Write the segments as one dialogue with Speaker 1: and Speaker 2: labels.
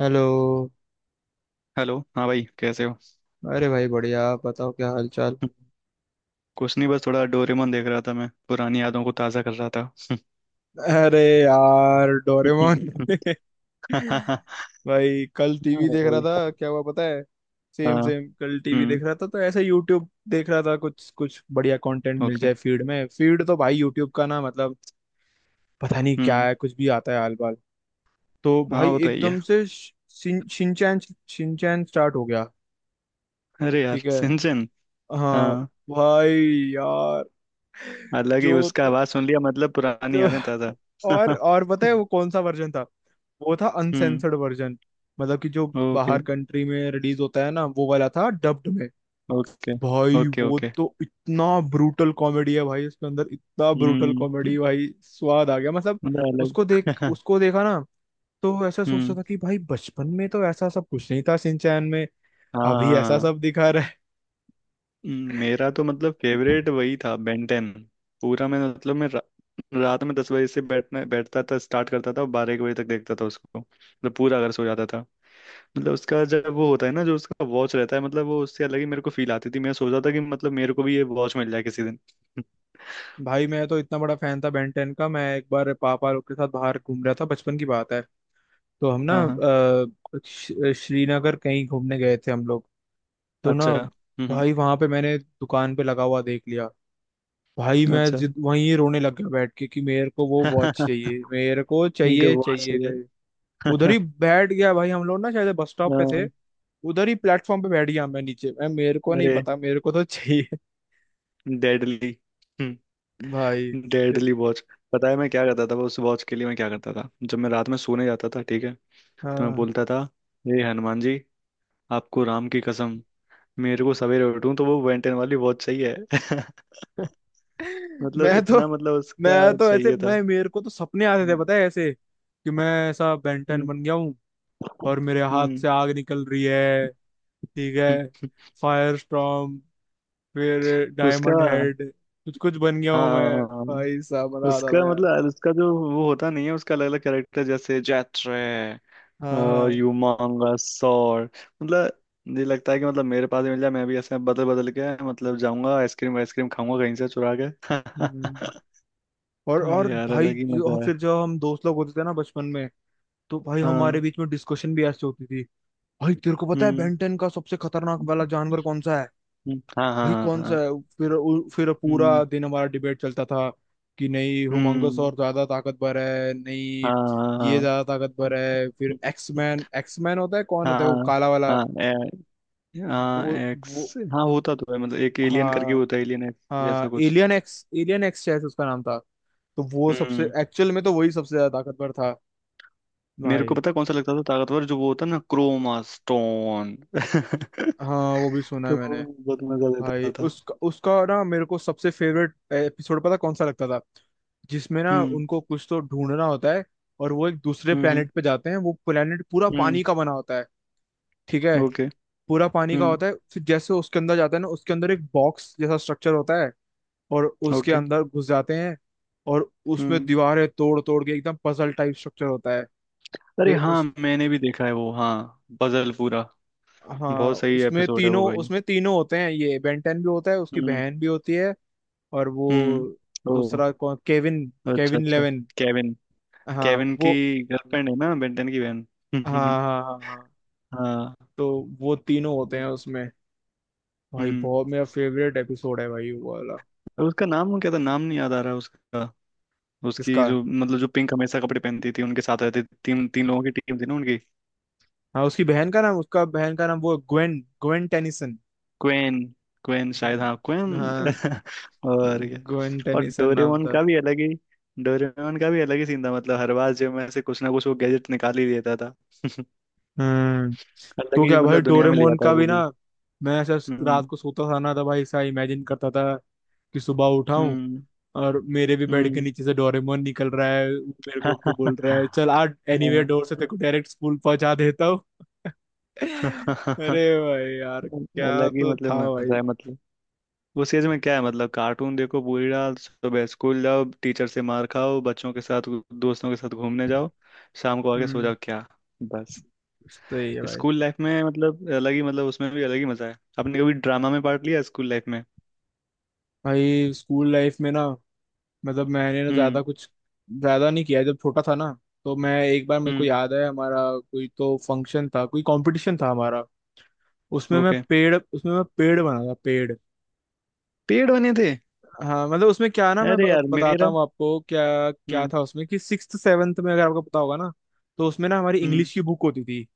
Speaker 1: Hello.
Speaker 2: Hello. हाँ भाई, कैसे हो?
Speaker 1: अरे भाई बढ़िया, आप बताओ क्या हाल चाल।
Speaker 2: कुछ नहीं, बस थोड़ा डोरेमोन देख रहा था। मैं पुरानी यादों को ताज़ा कर रहा था।
Speaker 1: अरे यार डोरेमोन।
Speaker 2: हाँ
Speaker 1: भाई कल टीवी देख रहा
Speaker 2: भाई।
Speaker 1: था, क्या हुआ पता है। सेम
Speaker 2: हाँ।
Speaker 1: सेम, कल टीवी
Speaker 2: हम्म।
Speaker 1: देख रहा था तो ऐसे यूट्यूब देख रहा था, कुछ कुछ बढ़िया कंटेंट मिल
Speaker 2: ओके।
Speaker 1: जाए फीड में, फीड तो भाई यूट्यूब का ना, मतलब पता नहीं क्या
Speaker 2: हम्म।
Speaker 1: है, कुछ भी आता है आल बाल। तो
Speaker 2: हाँ,
Speaker 1: भाई
Speaker 2: वो तो ही है।
Speaker 1: एकदम से शिनचैन, शिनचैन स्टार्ट हो गया।
Speaker 2: अरे यार
Speaker 1: ठीक है।
Speaker 2: सिंचन।
Speaker 1: हाँ।
Speaker 2: हाँ,
Speaker 1: भाई। यार।
Speaker 2: अलग
Speaker 1: जो
Speaker 2: ही उसका
Speaker 1: तो।
Speaker 2: आवाज़ सुन लिया। मतलब पुरानी
Speaker 1: तो
Speaker 2: यादें ताज़ा।
Speaker 1: और और पता है वो कौन सा वर्जन था। वो था
Speaker 2: हम्म।
Speaker 1: अनसेंसर्ड वर्जन, मतलब कि जो
Speaker 2: ओके
Speaker 1: बाहर कंट्री में रिलीज होता है ना, वो वाला था डब्ड में।
Speaker 2: ओके।
Speaker 1: भाई
Speaker 2: ओके
Speaker 1: वो
Speaker 2: ओके।
Speaker 1: तो इतना ब्रूटल कॉमेडी है भाई, उसके अंदर इतना ब्रूटल
Speaker 2: हम्म,
Speaker 1: कॉमेडी भाई, स्वाद आ गया मतलब।
Speaker 2: मतलब अलग।
Speaker 1: उसको देखा ना, तो ऐसा सोचता
Speaker 2: हम्म।
Speaker 1: था कि भाई बचपन में तो ऐसा सब कुछ नहीं था सिंचैन में, अभी ऐसा
Speaker 2: हाँ।
Speaker 1: सब दिखा रहा है।
Speaker 2: मेरा तो मतलब फेवरेट वही था, बेंटेन। पूरा मैं, मतलब मैं रात में 10 बजे से बैठना बैठता था, स्टार्ट करता था, 12-1 बजे तक देखता था उसको। मतलब पूरा, अगर सो जाता था। मतलब उसका, जब वो होता है ना, जो उसका वॉच रहता है, मतलब वो उससे अलग ही मेरे को फील आती थी। मैं सोचता था कि मतलब मेरे को भी ये वॉच मिल जाए किसी दिन।
Speaker 1: भाई मैं तो इतना बड़ा फैन था बेन टेन का। मैं एक बार पापा लोग के साथ बाहर घूम रहा था, बचपन की बात है। तो हम ना
Speaker 2: हाँ हाँ।
Speaker 1: श्रीनगर कहीं घूमने गए थे हम लोग। तो ना,
Speaker 2: अच्छा। हम्म।
Speaker 1: भाई वहां पे मैंने दुकान पे लगा हुआ देख लिया। भाई मैं
Speaker 2: अच्छा।
Speaker 1: जिद वहीं ही रोने लग गया बैठ के, कि मेरे को वो वॉच चाहिए, मेरे को
Speaker 2: इनका
Speaker 1: चाहिए
Speaker 2: वॉच हो
Speaker 1: चाहिए गए। उधर
Speaker 2: गया।
Speaker 1: ही बैठ गया भाई, हम लोग ना शायद बस स्टॉप पे थे,
Speaker 2: हाँ।
Speaker 1: उधर ही प्लेटफॉर्म पे बैठ गया मैं नीचे। मैं, मेरे को नहीं
Speaker 2: अरे
Speaker 1: पता, मेरे को तो चाहिए।
Speaker 2: डेडली।
Speaker 1: भाई फिर-
Speaker 2: डेडली वॉच। पता है मैं क्या करता था वो, उस वॉच के लिए मैं क्या करता था? जब मैं रात में सोने जाता था, ठीक है, तो मैं
Speaker 1: हाँ।
Speaker 2: बोलता था, हे हनुमान जी, आपको राम की कसम, मेरे को सवेरे उठूं तो वो बेंटेन वाली बहुत सही है।
Speaker 1: मैं
Speaker 2: मतलब
Speaker 1: तो
Speaker 2: इतना, मतलब
Speaker 1: मैं
Speaker 2: उसका
Speaker 1: तो ऐसे,
Speaker 2: चाहिए था।
Speaker 1: मैं मेरे को तो सपने आते थे
Speaker 2: हम्म।
Speaker 1: पता है ऐसे, कि मैं ऐसा बेंटन बन गया हूँ और मेरे हाथ
Speaker 2: हम्म।
Speaker 1: से आग निकल रही है। ठीक
Speaker 2: हम्म।
Speaker 1: है। फायर स्टॉर्म, फिर
Speaker 2: उसका।
Speaker 1: डायमंड हेड, कुछ कुछ बन गया हूँ मैं।
Speaker 2: हाँ,
Speaker 1: भाई साहब मजा आता
Speaker 2: उसका,
Speaker 1: था यार।
Speaker 2: मतलब उसका जो वो होता नहीं है उसका अलग अलग कैरेक्टर, जैसे जैत्रे
Speaker 1: हाँ
Speaker 2: और
Speaker 1: हाँ।
Speaker 2: यूमांगा सॉर। मतलब मुझे लगता है कि मतलब मेरे पास भी मिल जाए, मैं भी ऐसे बदल बदल के मतलब जाऊंगा, आइसक्रीम आइसक्रीम खाऊंगा कहीं से चुरा के।
Speaker 1: हम्म। और
Speaker 2: अरे
Speaker 1: और
Speaker 2: यार,
Speaker 1: भाई
Speaker 2: अलग ही मजा
Speaker 1: और
Speaker 2: है।
Speaker 1: फिर जब हम दोस्त लोग होते थे ना बचपन में, तो भाई हमारे
Speaker 2: हाँ।
Speaker 1: बीच में डिस्कशन भी ऐसे होती थी। भाई तेरे को पता है
Speaker 2: हम्म
Speaker 1: बेंटन का सबसे खतरनाक वाला
Speaker 2: हम्म।
Speaker 1: जानवर कौन सा है?
Speaker 2: हम्म। हाँ हाँ
Speaker 1: भाई कौन
Speaker 2: हाँ
Speaker 1: सा
Speaker 2: हाँ।
Speaker 1: है? फिर पूरा
Speaker 2: हम्म
Speaker 1: दिन हमारा डिबेट चलता था, कि नहीं हुमांगस
Speaker 2: हम्म।
Speaker 1: और ज्यादा ताकतवर है, नहीं ये
Speaker 2: हाँ।
Speaker 1: ज्यादा
Speaker 2: हम्म।
Speaker 1: ताकतवर है। फिर
Speaker 2: हम्म।
Speaker 1: एक्समैन, एक्समैन होता है कौन,
Speaker 2: हाँ
Speaker 1: होता है वो
Speaker 2: हाँ।
Speaker 1: काला वाला।
Speaker 2: हाँ। हाँ
Speaker 1: वो वो
Speaker 2: एक्स, हाँ होता तो है, मतलब एक एलियन करके
Speaker 1: हाँ,
Speaker 2: होता है एलियन एक्स जैसा
Speaker 1: हाँ
Speaker 2: कुछ।
Speaker 1: एलियन एक्स, एलियन एक्स शायद उसका नाम था। तो वो सबसे,
Speaker 2: हम्म।
Speaker 1: एक्चुअल में तो वही सबसे ज्यादा ताकतवर था
Speaker 2: मेरे को
Speaker 1: भाई।
Speaker 2: पता है कौन सा लगता था ताकतवर, जो वो होता ना क्रोमा स्टोन।
Speaker 1: हाँ वो भी सुना है
Speaker 2: तो वो
Speaker 1: मैंने।
Speaker 2: बहुत मजा
Speaker 1: भाई
Speaker 2: देता था।
Speaker 1: उसका उसका ना मेरे को सबसे फेवरेट एपिसोड पता कौन सा लगता था, जिसमें ना
Speaker 2: हम्म
Speaker 1: उनको कुछ तो ढूंढना होता है और वो एक दूसरे
Speaker 2: हम्म।
Speaker 1: planet पे जाते हैं। वो planet पूरा
Speaker 2: हम्म।
Speaker 1: पानी का बना होता है। ठीक है।
Speaker 2: ओके।
Speaker 1: पूरा पानी का
Speaker 2: हम्म।
Speaker 1: होता है। फिर जैसे उसके अंदर जाते हैं ना, उसके अंदर एक बॉक्स जैसा स्ट्रक्चर होता है और उसके
Speaker 2: ओके।
Speaker 1: अंदर घुस जाते हैं। और उसमें
Speaker 2: हम्म।
Speaker 1: दीवारें तोड़ तोड़ के एकदम पजल टाइप स्ट्रक्चर होता है।
Speaker 2: अरे
Speaker 1: फिर
Speaker 2: हाँ,
Speaker 1: उस
Speaker 2: मैंने भी देखा है वो। हाँ, पजल पूरा।
Speaker 1: हाँ,
Speaker 2: बहुत सही एपिसोड है वो भाई।
Speaker 1: उसमें तीनों होते हैं, ये बेंटन भी होता है, उसकी
Speaker 2: हम्म।
Speaker 1: बहन भी होती है, और वो
Speaker 2: हम्म। ओ।
Speaker 1: दूसरा कौन, केविन,
Speaker 2: अच्छा
Speaker 1: केविन
Speaker 2: अच्छा।
Speaker 1: लेवन।
Speaker 2: केविन।
Speaker 1: हाँ
Speaker 2: केविन की
Speaker 1: वो,
Speaker 2: गर्लफ्रेंड है ना बेंटन की बहन।
Speaker 1: हाँ, हाँ, हाँ, हाँ।
Speaker 2: हाँ।
Speaker 1: तो वो तीनों होते हैं उसमें। भाई
Speaker 2: हम्म।
Speaker 1: बहुत, मेरा फेवरेट एपिसोड है भाई वो वाला।
Speaker 2: और उसका नाम क्या था? नाम नहीं याद आ रहा उसका। उसकी
Speaker 1: किसका?
Speaker 2: जो, मतलब जो पिंक हमेशा कपड़े पहनती थी, उनके साथ रहती थी, तीन तीन लोगों की टीम थी ना उनकी।
Speaker 1: हाँ उसकी बहन का नाम, उसका बहन का नाम वो Gwen, Gwen Tennyson.
Speaker 2: Gwen, Gwen शायद, हाँ क्वेन।
Speaker 1: हाँ,
Speaker 2: और क्या।
Speaker 1: ग्वेन
Speaker 2: और
Speaker 1: टेनिसन नाम
Speaker 2: डोरेमोन
Speaker 1: था।
Speaker 2: का भी अलग ही, डोरेमोन का भी अलग ही सीन था। मतलब हर बार जो मैं से कुछ ना कुछ वो गैजेट निकाल ही देता था।
Speaker 1: हम्म।
Speaker 2: अलग
Speaker 1: तो
Speaker 2: ही
Speaker 1: क्या भाई,
Speaker 2: मतलब दुनिया में ले
Speaker 1: डोरेमोन
Speaker 2: आता है
Speaker 1: का
Speaker 2: वो
Speaker 1: भी ना,
Speaker 2: भी।
Speaker 1: मैं ऐसा रात
Speaker 2: हम्म
Speaker 1: को सोता था ना, तो भाई ऐसा इमेजिन करता था कि सुबह उठाऊं
Speaker 2: हम्म।
Speaker 1: और मेरे भी बेड के
Speaker 2: हम्म।
Speaker 1: नीचे से डोरेमोन निकल रहा है, वो मेरे को उठ के बोल रहा है
Speaker 2: हाँ।
Speaker 1: चल आज एनीवे डोर से तेरे को डायरेक्ट स्कूल पहुंचा देता हूँ। अरे
Speaker 2: हाँ।
Speaker 1: भाई यार क्या
Speaker 2: अलग ही
Speaker 1: तो
Speaker 2: मतलब
Speaker 1: था भाई।
Speaker 2: मजा है। मतलब उस एज में क्या है, मतलब कार्टून देखो पूरी रात, सुबह स्कूल जाओ, टीचर से मार खाओ, बच्चों के साथ, दोस्तों के साथ घूमने जाओ, शाम को आके सो
Speaker 1: हम्म।
Speaker 2: जाओ, क्या? बस।
Speaker 1: सही है भाई।
Speaker 2: स्कूल लाइफ में मतलब अलग ही, मतलब उसमें भी अलग ही मजा है। आपने कभी ड्रामा में पार्ट लिया स्कूल लाइफ में?
Speaker 1: भाई स्कूल लाइफ में ना, मतलब मैंने ना ज्यादा
Speaker 2: हम्म।
Speaker 1: कुछ, ज्यादा नहीं किया। जब छोटा था ना, तो मैं एक बार, मेरे को
Speaker 2: हम्म।
Speaker 1: याद है, हमारा कोई तो फंक्शन था, कोई कंपटीशन था हमारा।
Speaker 2: ओके।
Speaker 1: उसमें मैं पेड़ बना था, पेड़।
Speaker 2: पेड़ बने थे।
Speaker 1: हाँ, मतलब उसमें क्या है ना, मैं
Speaker 2: अरे यार
Speaker 1: बताता
Speaker 2: मेरा।
Speaker 1: हूँ आपको क्या क्या
Speaker 2: हम्म।
Speaker 1: था उसमें, कि सिक्स्थ सेवन्थ में अगर आपको पता होगा ना, तो उसमें ना हमारी
Speaker 2: हम्म।
Speaker 1: इंग्लिश की बुक होती थी।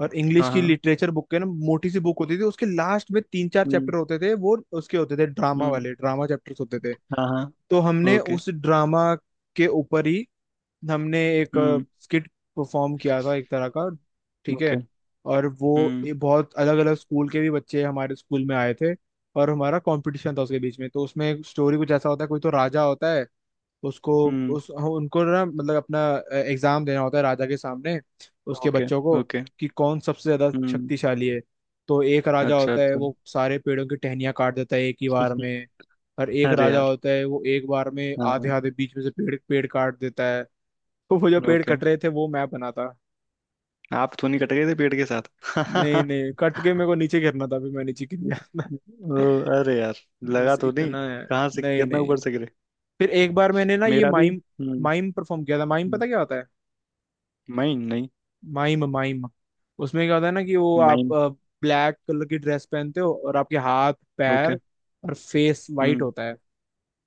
Speaker 1: और इंग्लिश
Speaker 2: हाँ
Speaker 1: की
Speaker 2: हाँ।
Speaker 1: लिटरेचर बुक के ना, मोटी सी बुक होती थी, उसके लास्ट में तीन चार
Speaker 2: हम्म।
Speaker 1: चैप्टर होते थे, वो उसके होते थे ड्रामा
Speaker 2: हम्म।
Speaker 1: वाले, ड्रामा चैप्टर्स होते थे।
Speaker 2: हाँ हाँ।
Speaker 1: तो हमने
Speaker 2: ओके।
Speaker 1: उस ड्रामा के ऊपर ही हमने एक
Speaker 2: हम्म।
Speaker 1: स्किट परफॉर्म किया था, एक तरह का। ठीक
Speaker 2: ओके।
Speaker 1: है। और वो,
Speaker 2: हम्म।
Speaker 1: ये बहुत अलग अलग स्कूल के भी बच्चे हमारे स्कूल में आए थे, और हमारा कंपटीशन था उसके बीच में। तो उसमें स्टोरी कुछ ऐसा होता है, कोई तो राजा होता है, उसको
Speaker 2: हम्म।
Speaker 1: उस हाँ, उनको ना, मतलब अपना एग्जाम देना होता है राजा के सामने, उसके
Speaker 2: ओके
Speaker 1: बच्चों को,
Speaker 2: ओके।
Speaker 1: कि कौन सबसे ज्यादा
Speaker 2: हम्म।
Speaker 1: शक्तिशाली है। तो एक राजा
Speaker 2: अच्छा
Speaker 1: होता है,
Speaker 2: अच्छा।
Speaker 1: वो सारे पेड़ों की टहनियाँ काट देता है एक ही बार में। और एक
Speaker 2: अरे
Speaker 1: राजा
Speaker 2: यार।
Speaker 1: होता है, वो एक बार में आधे
Speaker 2: हाँ।
Speaker 1: आधे बीच में से पेड़ पेड़ काट देता है। तो वो जो पेड़
Speaker 2: ओके।
Speaker 1: कट रहे थे, वो मैं बना था।
Speaker 2: आप तो नहीं कट गए थे पेड़ के
Speaker 1: नहीं
Speaker 2: साथ?
Speaker 1: नहीं, कट के मेरे को नीचे गिरना था, अभी मैं नीचे गिर
Speaker 2: ओ।
Speaker 1: गया। था।
Speaker 2: अरे यार। लगा
Speaker 1: बस
Speaker 2: तो नहीं?
Speaker 1: इतना है।
Speaker 2: कहाँ से,
Speaker 1: नहीं
Speaker 2: कितना ऊपर
Speaker 1: नहीं।
Speaker 2: से गिरे?
Speaker 1: फिर एक बार मैंने ना ये
Speaker 2: मेरा भी।
Speaker 1: माइम,
Speaker 2: हम्म।
Speaker 1: माइम परफॉर्म किया था। माइम
Speaker 2: हम्म,
Speaker 1: पता क्या होता है?
Speaker 2: माइन नहीं?
Speaker 1: माइम माइम, उसमें क्या होता है ना, कि वो आप
Speaker 2: माइन।
Speaker 1: ब्लैक कलर की ड्रेस पहनते हो, और आपके हाथ
Speaker 2: ओके।
Speaker 1: पैर और फेस वाइट
Speaker 2: हम्म।
Speaker 1: होता है।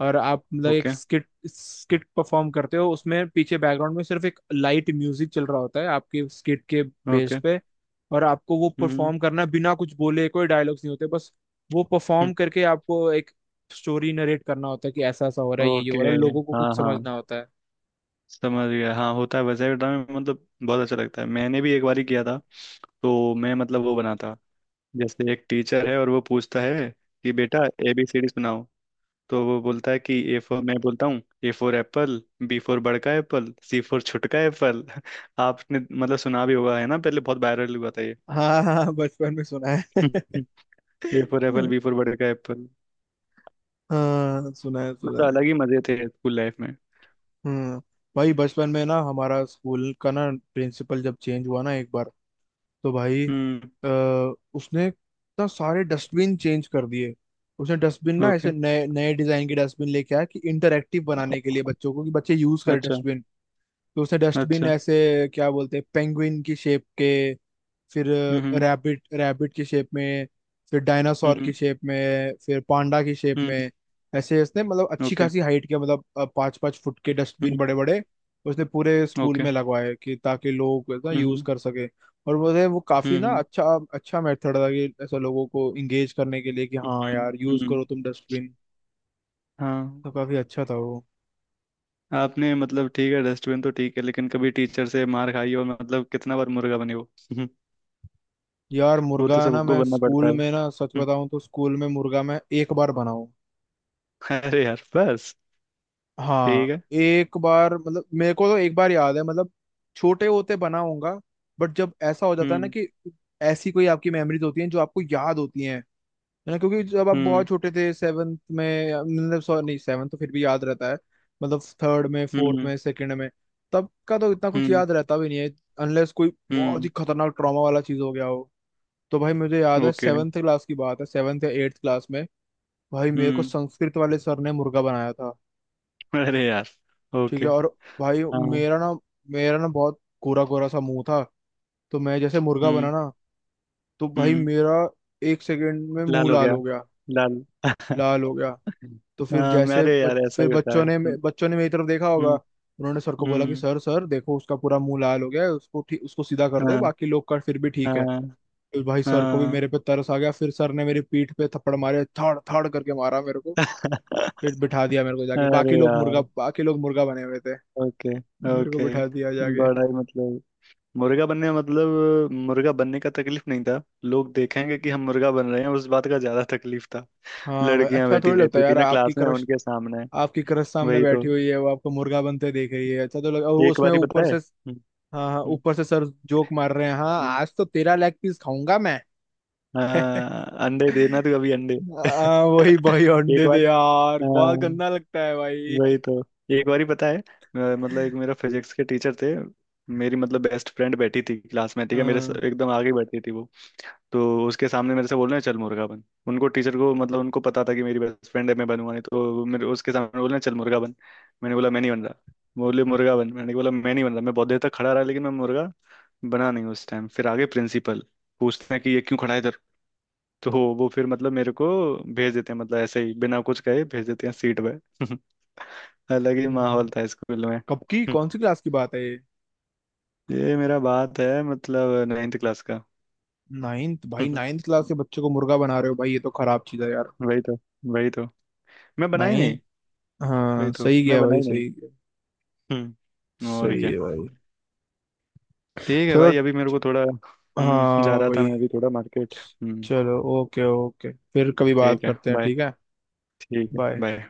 Speaker 1: और आप मतलब एक
Speaker 2: ओके।
Speaker 1: स्किट, स्किट परफॉर्म करते हो, उसमें पीछे बैकग्राउंड में सिर्फ एक लाइट म्यूजिक चल रहा होता है आपके स्किट के बेस
Speaker 2: ओके।
Speaker 1: पे। और आपको वो
Speaker 2: हम्म।
Speaker 1: परफॉर्म करना है बिना कुछ बोले, कोई डायलॉग्स नहीं होते बस। वो
Speaker 2: हम्म।
Speaker 1: परफॉर्म करके आपको एक स्टोरी नरेट करना होता है, कि ऐसा ऐसा हो रहा है, ये
Speaker 2: ओके।
Speaker 1: हो रहा है, लोगों को खुद
Speaker 2: हाँ हाँ।
Speaker 1: समझना होता है।
Speaker 2: समझ गया। हाँ होता है। वैसे भी ड्राइंग में मतलब बहुत अच्छा लगता है। मैंने भी एक बार ही किया था। तो मैं मतलब वो बनाता, जैसे एक टीचर है और वो पूछता है कि बेटा ABCD सुनाओ, तो वो बोलता है कि A for, मैं बोलता हूँ A for Apple, B for बड़ का एप्पल, C for छोट का एप्पल। आपने मतलब सुना भी होगा है ना, पहले बहुत वायरल हुआ था ये।
Speaker 1: हाँ हाँ, बचपन में सुना है।
Speaker 2: A for Apple, B for बड़ का एप्पल।
Speaker 1: हाँ सुना है, सुना
Speaker 2: मतलब
Speaker 1: है।
Speaker 2: अलग ही मजे थे स्कूल लाइफ में।
Speaker 1: हम्म। भाई बचपन में ना हमारा स्कूल का ना प्रिंसिपल जब चेंज हुआ ना एक बार, तो भाई
Speaker 2: हम्म।
Speaker 1: आ, उसने इतना सारे डस्टबिन चेंज कर दिए। उसने डस्टबिन ना
Speaker 2: ओके।
Speaker 1: ऐसे नए नए डिजाइन के डस्टबिन लेके आया, कि इंटरेक्टिव बनाने के लिए बच्चों को, कि बच्चे यूज करें
Speaker 2: अच्छा
Speaker 1: डस्टबिन। तो उसने डस्टबिन
Speaker 2: अच्छा।
Speaker 1: ऐसे, क्या बोलते हैं, पेंगुइन की शेप के, फिर
Speaker 2: हम्म।
Speaker 1: रैबिट, रैबिट की शेप में, फिर डायनासोर की
Speaker 2: हम्म
Speaker 1: शेप में, फिर पांडा की शेप
Speaker 2: हम्म।
Speaker 1: में। ऐसे उसने मतलब अच्छी
Speaker 2: ओके।
Speaker 1: खासी हाइट के, मतलब पाँच पाँच फुट के डस्टबिन, बड़े
Speaker 2: हम्म।
Speaker 1: बड़े, उसने पूरे स्कूल
Speaker 2: ओके।
Speaker 1: में लगवाए, कि ताकि लोग ना यूज
Speaker 2: हम्म।
Speaker 1: कर सके। और मुझे वो काफी ना
Speaker 2: हम्म
Speaker 1: अच्छा, अच्छा मेथड था, कि ऐसा लोगों को इंगेज करने के लिए, कि हाँ
Speaker 2: हम्म।
Speaker 1: यार यूज
Speaker 2: हम्म।
Speaker 1: करो तुम डस्टबिन।
Speaker 2: हाँ।
Speaker 1: तो काफी अच्छा था वो।
Speaker 2: आपने मतलब, ठीक है डस्टबिन तो ठीक है, लेकिन कभी टीचर से मार खाई हो, मतलब कितना बार मुर्गा बने हो?
Speaker 1: यार
Speaker 2: वो
Speaker 1: मुर्गा
Speaker 2: तो
Speaker 1: ना,
Speaker 2: सबको
Speaker 1: मैं
Speaker 2: बनना पड़ता।
Speaker 1: स्कूल में ना,
Speaker 2: हम्म।
Speaker 1: सच बताऊं तो स्कूल में मुर्गा मैं एक बार बनाऊं।
Speaker 2: अरे यार बस।
Speaker 1: हाँ
Speaker 2: ठीक है।
Speaker 1: एक बार, मतलब मेरे को तो एक बार याद है, मतलब छोटे होते बना होगा। बट जब ऐसा हो जाता है ना,
Speaker 2: हम्म।
Speaker 1: कि ऐसी कोई आपकी मेमोरीज होती हैं जो आपको याद होती हैं, है ना? क्योंकि जब आप
Speaker 2: हम्म।
Speaker 1: बहुत छोटे थे, सेवन्थ में मतलब सॉरी, नहीं सेवन्थ तो फिर भी याद रहता है, मतलब थर्ड में फोर्थ
Speaker 2: हम्म।
Speaker 1: में सेकंड में तब का तो इतना कुछ
Speaker 2: हम्म।
Speaker 1: याद रहता भी नहीं है, अनलेस कोई बहुत ही
Speaker 2: हम्म।
Speaker 1: खतरनाक ट्रॉमा वाला चीज हो गया हो। तो भाई मुझे याद है
Speaker 2: ओके।
Speaker 1: सेवन्थ क्लास की बात है, सेवन्थ या एट्थ क्लास में, भाई मेरे को
Speaker 2: हम्म।
Speaker 1: संस्कृत वाले सर ने मुर्गा बनाया।
Speaker 2: अरे यार।
Speaker 1: ठीक
Speaker 2: ओके।
Speaker 1: है। और भाई
Speaker 2: हाँ।
Speaker 1: मेरा ना मेरा ना बहुत गोरा गोरा सा मुंह था, तो मैं जैसे मुर्गा बना
Speaker 2: हम्म।
Speaker 1: ना, तो भाई
Speaker 2: हम्म।
Speaker 1: मेरा एक सेकंड में
Speaker 2: लाल
Speaker 1: मुंह
Speaker 2: हो
Speaker 1: लाल
Speaker 2: गया।
Speaker 1: हो गया।
Speaker 2: लाल।
Speaker 1: लाल हो गया। तो फिर
Speaker 2: हाँ
Speaker 1: जैसे
Speaker 2: मेरे यार, ऐसा
Speaker 1: फिर
Speaker 2: ही होता है। हम्म।
Speaker 1: बच्चों ने मेरी तरफ देखा होगा।
Speaker 2: हम्म।
Speaker 1: उन्होंने सर को बोला कि
Speaker 2: हम्म।
Speaker 1: सर सर देखो, उसका पूरा मुंह लाल हो गया है, उसको ठीक, उसको सीधा कर दो,
Speaker 2: हाँ।
Speaker 1: बाकी लोग का फिर भी ठीक है।
Speaker 2: हाँ।
Speaker 1: फिर भाई सर को भी
Speaker 2: हाँ।
Speaker 1: मेरे पे तरस आ गया, फिर सर ने मेरी पीठ पे थप्पड़ मारे, थड़ थड़ करके मारा मेरे को। फिर बिठा दिया मेरे को जाके,
Speaker 2: अरे यार।
Speaker 1: बाकी लोग मुर्गा बने हुए थे,
Speaker 2: ओके।
Speaker 1: मेरे को
Speaker 2: ओके।
Speaker 1: बिठा दिया जाके।
Speaker 2: बड़ा ही मतलब, मुर्गा बनने का, मतलब मुर्गा बनने का तकलीफ नहीं था, लोग देखेंगे कि हम मुर्गा बन रहे हैं, उस बात का ज्यादा तकलीफ था।
Speaker 1: हाँ भाई,
Speaker 2: लड़कियां
Speaker 1: अच्छा
Speaker 2: बैठी
Speaker 1: थोड़ी लगता
Speaker 2: रहती
Speaker 1: है
Speaker 2: थी
Speaker 1: यार।
Speaker 2: ना
Speaker 1: आपकी
Speaker 2: क्लास में,
Speaker 1: क्रश,
Speaker 2: उनके सामने।
Speaker 1: आपकी क्रश सामने
Speaker 2: वही तो।
Speaker 1: बैठी हुई है, वो आपको मुर्गा बनते देख रही है, अच्छा तो लग, और
Speaker 2: एक
Speaker 1: उसमें
Speaker 2: बारी पता
Speaker 1: ऊपर
Speaker 2: है।
Speaker 1: से,
Speaker 2: हम्म।
Speaker 1: हाँ हाँ
Speaker 2: हम्म।
Speaker 1: ऊपर से सर जोक मार रहे हैं, हाँ
Speaker 2: हम्म।
Speaker 1: आज तो तेरा लेग पीस खाऊंगा मैं।
Speaker 2: हाँ, अंडे देना तू, अभी अंडे।
Speaker 1: हाँ वही भाई
Speaker 2: एक
Speaker 1: अंडे
Speaker 2: बार।
Speaker 1: दे यार, बहुत
Speaker 2: हाँ।
Speaker 1: गंदा लगता है भाई।
Speaker 2: वही तो। एक बार ही पता है, मतलब एक मेरा फिजिक्स के टीचर थे। मेरी मतलब बेस्ट फ्रेंड बैठी थी क्लास में, ठीक है,
Speaker 1: हाँ।
Speaker 2: एकदम आगे बैठी थी वो। तो उसके सामने मेरे से बोल रहे हैं, चल मुर्गा बन। उनको, टीचर को, मतलब उनको पता था कि मेरी बेस्ट फ्रेंड है, मैं बनूंगा नहीं, तो मेरे उसके सामने बोल रहे हैं, चल मुर्गा बन। मैंने बोला मैं नहीं बन रहा। बोले मुर्गा बन। मैंने बोला मैं नहीं बन रहा। मैं बहुत देर तक खड़ा रहा लेकिन मैं मुर्गा बना नहीं उस टाइम। फिर आगे प्रिंसिपल पूछते हैं कि ये क्यों खड़ा है इधर, तो वो फिर मतलब मेरे को भेज देते हैं, मतलब ऐसे ही बिना कुछ कहे भेज देते हैं सीट पे। अलग ही
Speaker 1: हम्म।
Speaker 2: माहौल था स्कूल में।
Speaker 1: कब की कौन सी क्लास की बात है ये?
Speaker 2: ये मेरा बात है मतलब 9th क्लास का।
Speaker 1: नाइन्थ? भाई नाइन्थ क्लास के बच्चे को मुर्गा बना रहे हो भाई, ये तो खराब चीज है यार।
Speaker 2: वही तो। वही तो, मैं बना ही नहीं।
Speaker 1: नाइन्थ। हाँ
Speaker 2: वही तो
Speaker 1: सही
Speaker 2: मैं
Speaker 1: गया
Speaker 2: बना
Speaker 1: भाई,
Speaker 2: ही नहीं।
Speaker 1: सही गया।
Speaker 2: हम्म, और
Speaker 1: सही
Speaker 2: क्या।
Speaker 1: है भाई।
Speaker 2: ठीक है
Speaker 1: चलो।
Speaker 2: भाई, अभी मेरे को थोड़ा, हम्म, जा
Speaker 1: हाँ
Speaker 2: रहा था
Speaker 1: भाई।
Speaker 2: मैं अभी थोड़ा मार्केट। हम्म।
Speaker 1: चलो ओके ओके, फिर कभी बात
Speaker 2: ठीक है
Speaker 1: करते हैं,
Speaker 2: बाय।
Speaker 1: ठीक है।
Speaker 2: ठीक है
Speaker 1: बाय।
Speaker 2: बाय।